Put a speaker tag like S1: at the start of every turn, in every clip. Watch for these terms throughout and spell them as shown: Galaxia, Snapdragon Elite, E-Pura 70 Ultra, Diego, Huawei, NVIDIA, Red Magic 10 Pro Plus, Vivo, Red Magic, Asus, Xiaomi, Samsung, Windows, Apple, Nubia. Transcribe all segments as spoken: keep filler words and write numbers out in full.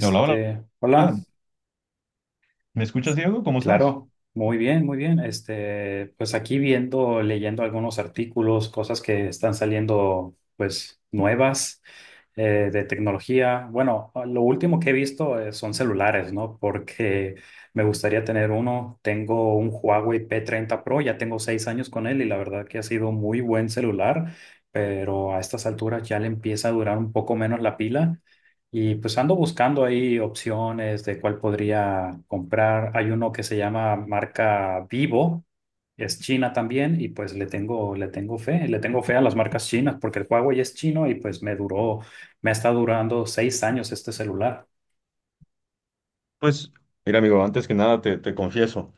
S1: Hola, hola,
S2: hola,
S1: hola. ¿Me escuchas, Diego? ¿Cómo estás?
S2: claro, muy bien, muy bien. Este, pues aquí viendo, leyendo algunos artículos, cosas que están saliendo, pues nuevas eh, de tecnología. Bueno, ah, lo último que he visto eh, son celulares, ¿no? Porque me gustaría tener uno. Tengo un Huawei pe treinta pro, ya tengo seis años con él y la verdad que ha sido muy buen celular, pero a estas alturas ya le empieza a durar un poco menos la pila. Y pues ando buscando ahí opciones de cuál podría comprar. Hay uno que se llama marca Vivo, es china también y pues le tengo, le tengo fe, le tengo fe a las marcas chinas porque el Huawei es chino y pues me duró, me está durando seis años este celular.
S1: Pues, mira, amigo, antes que nada te, te confieso,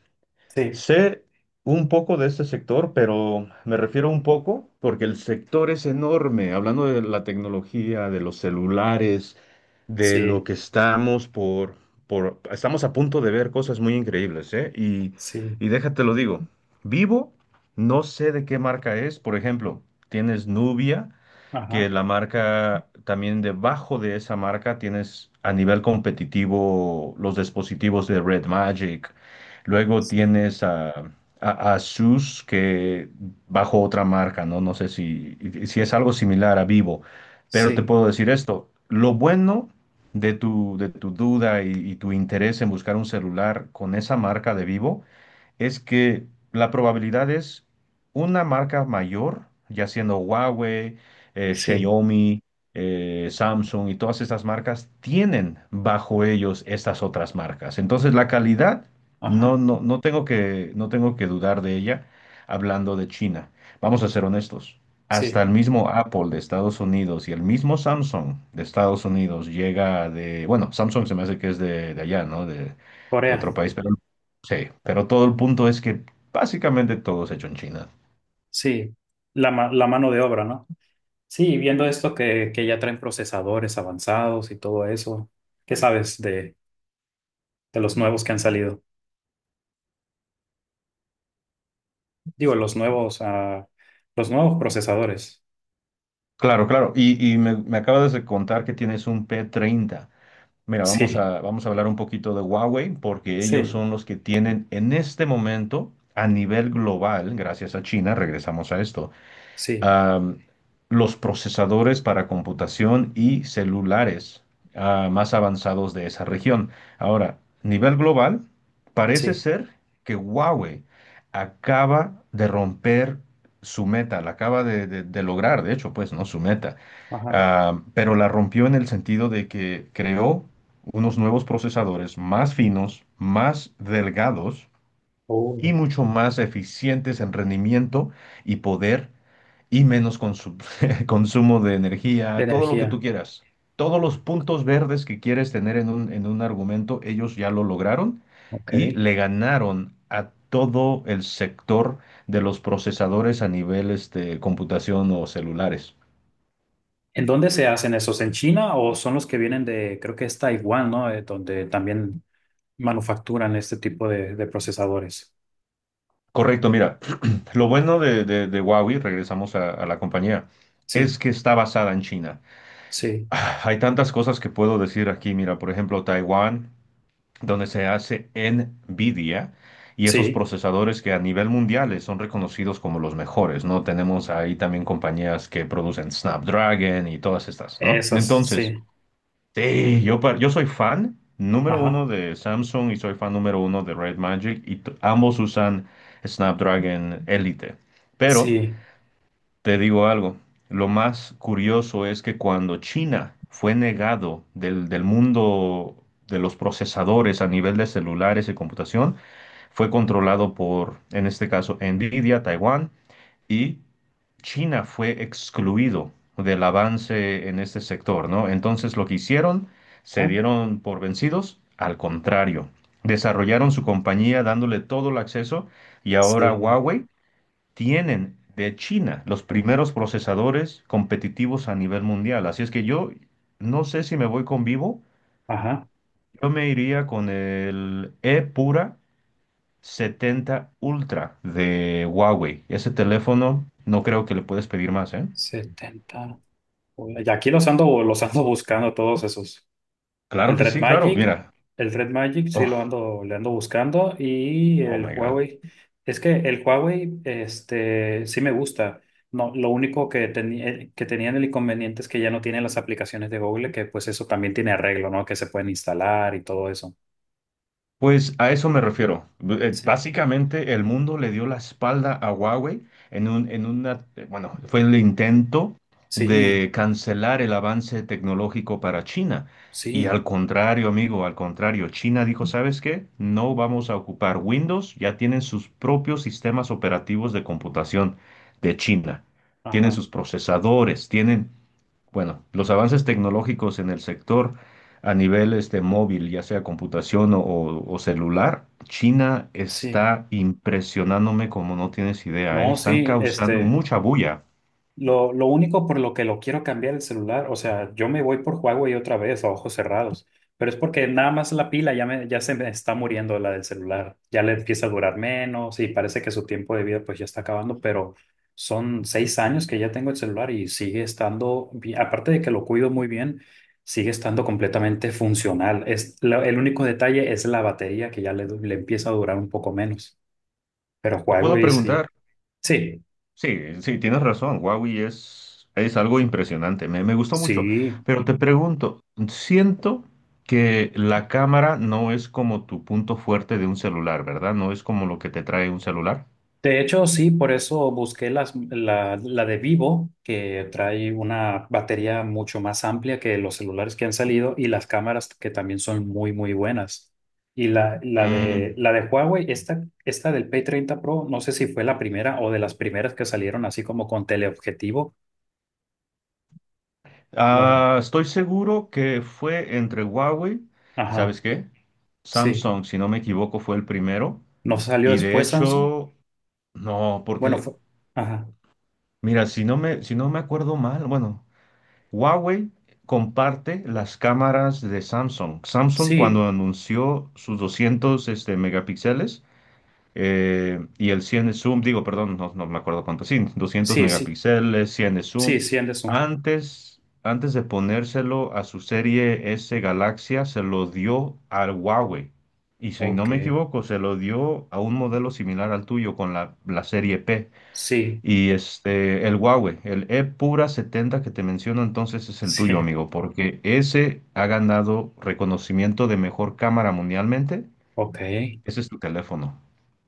S2: Sí,
S1: sé un poco de este sector, pero me refiero un poco porque el sector es enorme, hablando de la tecnología, de los celulares, de lo
S2: sí,
S1: que estamos por, por, estamos a punto de ver cosas muy increíbles, ¿eh? Y,
S2: sí,
S1: y déjate lo digo, Vivo, no sé de qué marca es, por ejemplo, tienes Nubia, que
S2: ajá,
S1: la marca, también debajo de esa marca tienes a nivel competitivo los dispositivos de Red Magic. Luego
S2: sí,
S1: tienes a, a- a Asus, que bajo otra marca, ¿no? No sé si, si es algo similar a Vivo, pero te
S2: sí,
S1: puedo decir esto. Lo bueno de tu, de tu duda y, y tu interés en buscar un celular con esa marca de Vivo es que la probabilidad es una marca mayor, ya siendo Huawei, eh,
S2: sí,
S1: Xiaomi, eh, Samsung y todas estas marcas, tienen bajo ellos estas otras marcas. Entonces la calidad,
S2: ajá,
S1: no, no, no tengo que, no tengo que dudar de ella hablando de China. Vamos a ser honestos. Hasta
S2: sí.
S1: el mismo Apple de Estados Unidos y el mismo Samsung de Estados Unidos llega de, bueno, Samsung se me hace que es de, de allá, ¿no? De, de
S2: Corea,
S1: otro país, pero sí, pero todo el punto es que básicamente todo es hecho en China.
S2: sí, la, ma- la mano de obra, ¿no? Sí, viendo esto que, que ya traen procesadores avanzados y todo eso, ¿qué sabes de, de, los nuevos que han salido? Digo, los nuevos, ah, los nuevos procesadores.
S1: Claro, claro. Y, y me, me acabas de contar que tienes un p treinta. Mira, vamos
S2: Sí,
S1: a, vamos a hablar un poquito de Huawei porque ellos
S2: sí,
S1: son los que tienen en este momento a nivel global, gracias a China, regresamos a esto,
S2: sí,
S1: am, los procesadores para computación y celulares ah, más avanzados de esa región. Ahora, nivel global, parece
S2: sí.
S1: ser que Huawei acaba de romper su meta, la acaba de, de- de lograr, de hecho, pues, ¿no? Su meta.
S2: Ajá.
S1: Ah, pero la rompió en el sentido de que creó unos nuevos procesadores más finos, más delgados y
S2: Oh,
S1: mucho más eficientes en rendimiento y poder y menos consu- consumo de
S2: de
S1: energía, todo lo que tú
S2: energía.
S1: quieras. Todos los puntos verdes que quieres tener en un, en un argumento, ellos ya lo lograron
S2: Ok.
S1: y le ganaron a todo el sector de los procesadores a nivel este, computación o celulares.
S2: ¿En dónde se hacen esos? ¿En China o son los que vienen de, creo que es Taiwán, ¿no? Eh, donde también manufacturan este tipo de, de procesadores.
S1: Correcto, mira, lo bueno de, de- de Huawei, regresamos a, a la compañía,
S2: Sí,
S1: es que está basada en China.
S2: sí,
S1: Ah, Hay tantas cosas que puedo decir aquí, mira, por ejemplo, Taiwán, donde se hace NVIDIA y esos
S2: sí.
S1: procesadores que a nivel mundial eh, son reconocidos como los mejores, ¿no? Tenemos ahí también compañías que producen Snapdragon y todas estas, ¿no?
S2: Esas,
S1: Entonces,
S2: sí.
S1: sí, yo, pa- yo soy fan número
S2: Ajá.
S1: uno de Samsung y soy fan número uno de Red Magic y t- ambos usan Snapdragon Elite. Pero
S2: Sí.
S1: te digo algo, lo más curioso es que cuando China fue negado del, del mundo de los procesadores a nivel de celulares y computación, fue controlado por, en este caso, Nvidia, Taiwán, y China fue excluido del avance en este sector, ¿no? Entonces lo que hicieron, se
S2: Ah,
S1: dieron por vencidos, al contrario, desarrollaron su compañía dándole todo el acceso y ahora
S2: sí.
S1: Huawei tienen de China los primeros procesadores competitivos a nivel mundial. Así es que yo no sé si me voy con Vivo,
S2: Ajá,
S1: yo me iría con el E-Pura setenta Ultra de Huawei. Ese teléfono no creo que le puedes pedir más, ¿eh?
S2: setenta. Y aquí los ando, los ando buscando todos esos.
S1: Claro
S2: El
S1: que
S2: Red
S1: sí, claro,
S2: Magic,
S1: mira.
S2: el Red Magic sí lo
S1: Oh,
S2: ando, le ando buscando y
S1: oh
S2: el
S1: my God.
S2: Huawei. Es que el Huawei, este, sí me gusta. No, lo único que, tenía que tenían el inconveniente es que ya no tienen las aplicaciones de Google, que pues eso también tiene arreglo, ¿no? Que se pueden instalar y todo eso.
S1: Pues a eso me refiero. B- eh,
S2: Sí,
S1: Básicamente el mundo le dio la espalda a Huawei en un, en una, eh, bueno, fue el intento
S2: sí,
S1: de cancelar el avance tecnológico para China. Y
S2: sí,
S1: al contrario, amigo, al contrario, China dijo, ¿sabes qué? No vamos a ocupar Windows, ya tienen sus propios sistemas operativos de computación de China. Tienen
S2: ajá,
S1: sus procesadores, tienen bueno, los avances tecnológicos en el sector a nivel este, móvil, ya sea computación o, o- o celular, China
S2: sí.
S1: está impresionándome como no tienes idea, ¿eh?
S2: No,
S1: Están
S2: sí,
S1: causando
S2: este.
S1: mucha bulla.
S2: Lo, lo único por lo que lo quiero cambiar el celular, o sea, yo me voy por Huawei otra vez a ojos cerrados, pero es porque nada más la pila ya, me, ya se me está muriendo la del celular, ya le empieza a durar menos y parece que su tiempo de vida pues ya está acabando, pero son seis años que ya tengo el celular y sigue estando, bien- aparte de que lo cuido muy bien, sigue estando completamente funcional. Es, la- el único detalle es la batería que ya le, du- le empieza a durar un poco menos, pero
S1: Te puedo
S2: Huawei
S1: preguntar,
S2: sí, sí,
S1: sí, sí, tienes razón, Huawei es, es algo impresionante, me, me gustó mucho,
S2: sí.
S1: pero te pregunto, siento que la cámara no es como tu punto fuerte de un celular, ¿verdad? No es como lo que te trae un celular.
S2: De hecho, sí, por eso busqué las- la, la de Vivo, que trae una batería mucho más amplia que los celulares que han salido y las cámaras que también son muy, muy buenas. Y la, la de,
S1: Mm.
S2: la de Huawei, esta, esta del pe treinta pro, no sé si fue la primera o de las primeras que salieron así como con teleobjetivo. No, re-
S1: Ah, estoy seguro que fue entre Huawei,
S2: ajá,
S1: ¿sabes qué?
S2: sí.
S1: Samsung, si no me equivoco, fue el primero.
S2: ¿No salió
S1: Y de
S2: después Samsung?
S1: hecho, no,
S2: Bueno,
S1: porque,
S2: fue, ajá,
S1: mira, si no me, si no me acuerdo mal, bueno, Huawei comparte las cámaras de Samsung. Samsung
S2: sí,
S1: cuando anunció sus doscientos, este, megapíxeles, eh, y el cien de zoom, digo, perdón, no, no me acuerdo cuánto, sí, doscientos
S2: sí, sí,
S1: megapíxeles, cien de
S2: sí,
S1: zoom.
S2: sí, Anderson.
S1: Antes, antes de ponérselo a su serie S Galaxia, se lo dio al Huawei. Y si no
S2: Ok,
S1: me equivoco, se lo dio a un modelo similar al tuyo con la, la serie P.
S2: sí,
S1: Y este, el Huawei, el E Pura setenta que te menciono, entonces es el tuyo,
S2: sí,
S1: amigo, porque ese ha ganado reconocimiento de mejor cámara mundialmente.
S2: ok.
S1: Ese es tu teléfono.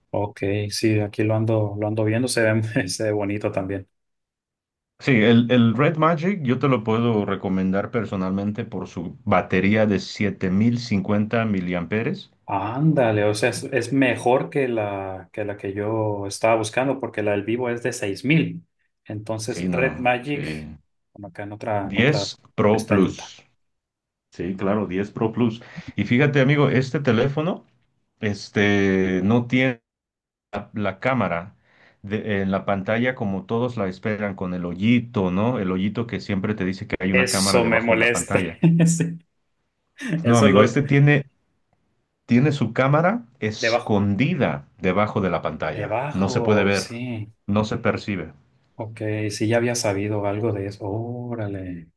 S2: Ok, sí, aquí lo ando, lo ando viendo, se ve, se ve bonito también.
S1: Sí, el, el Red Magic yo te lo puedo recomendar personalmente por su batería de siete mil cincuenta miliamperes.
S2: Ándale, o sea, es, es mejor que la, que la, que yo estaba buscando, porque la del vivo es de seis mil. Entonces,
S1: Sí,
S2: Red
S1: no,
S2: Magic,
S1: sí.
S2: como acá en otra, en otra
S1: Diez Pro
S2: pestañita.
S1: Plus. Sí, claro, diez Pro Plus. Y fíjate, amigo, este teléfono este, no tiene la la cámara de- en la pantalla como todos la esperan, con el hoyito, ¿no? El hoyito que siempre te dice que hay una cámara
S2: Eso me
S1: debajo de la
S2: molesta.
S1: pantalla.
S2: Sí,
S1: No,
S2: eso
S1: amigo,
S2: lo,
S1: este tiene tiene su cámara
S2: debajo.
S1: escondida debajo de la pantalla. No se puede
S2: Debajo,
S1: ver,
S2: sí.
S1: no se percibe.
S2: Ok, sí, ya había sabido algo de eso. Órale.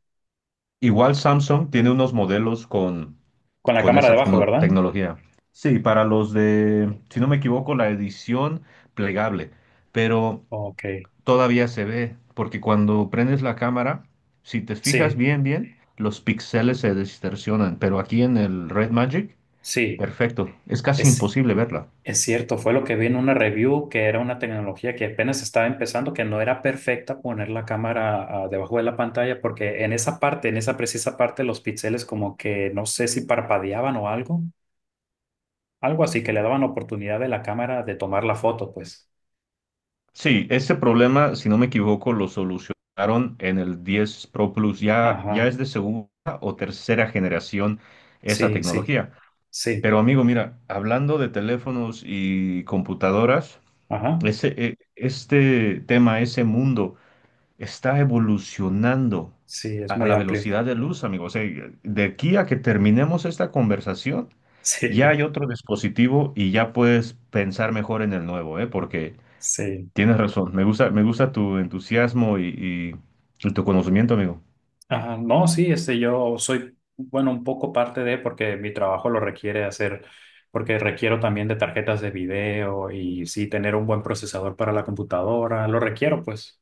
S1: Igual Samsung tiene unos modelos con,
S2: Con la
S1: con
S2: cámara
S1: esa
S2: debajo,
S1: tecno-
S2: ¿verdad?
S1: tecnología. Sí, para los de, si no me equivoco, la edición plegable, pero
S2: Ok,
S1: todavía se ve, porque cuando prendes la cámara, si te fijas
S2: sí,
S1: bien, bien, los píxeles se distorsionan, pero aquí en el Red Magic,
S2: sí.
S1: perfecto, es casi
S2: Es
S1: imposible verla.
S2: Es cierto, fue lo que vi en una review, que era una tecnología que apenas estaba empezando, que no era perfecta poner la cámara ah, debajo de la pantalla, porque en esa parte, en esa precisa parte, los píxeles como que no sé si parpadeaban o algo, algo así, que le daban oportunidad de la cámara de tomar la foto, pues.
S1: Sí, este problema, si no me equivoco, lo solucionaron en el diez Pro Plus. Ya, ya
S2: Ajá,
S1: es de segunda o tercera generación esa
S2: sí, sí,
S1: tecnología.
S2: sí,
S1: Pero amigo, mira, hablando de teléfonos y computadoras,
S2: ajá,
S1: ese, eh, este tema, ese mundo está evolucionando
S2: sí, es
S1: a
S2: muy
S1: la
S2: amplio.
S1: velocidad de luz, amigo. O sea, de aquí a que terminemos esta conversación, ya
S2: Sí,
S1: hay otro dispositivo y ya puedes pensar mejor en el nuevo, ¿eh? Porque...
S2: sí.
S1: Tienes razón. Me gusta, me gusta tu entusiasmo y, y- y tu conocimiento, amigo.
S2: Ajá, no, sí, este, yo soy, bueno, un poco parte de, porque mi trabajo lo requiere hacer, porque requiero también de tarjetas de video y sí, tener un buen procesador para la computadora, lo requiero, pues,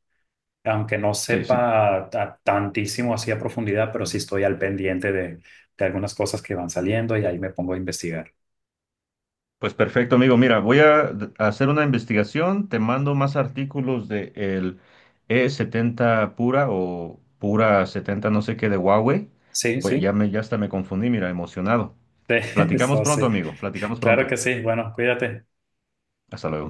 S2: aunque no
S1: Sí, sí.
S2: sepa ta- tantísimo así a profundidad, pero sí estoy al pendiente de, de, algunas cosas que van saliendo y ahí me pongo a investigar.
S1: Pues perfecto, amigo. Mira, voy a d- hacer una investigación. Te mando más artículos de el e setenta Pura o Pura setenta, no sé qué de Huawei.
S2: Sí,
S1: Pues
S2: sí,
S1: ya me, ya hasta me confundí, mira, emocionado. Platicamos
S2: eso
S1: pronto,
S2: sí,
S1: amigo. Platicamos
S2: claro
S1: pronto.
S2: que sí, bueno, cuídate.
S1: Hasta luego.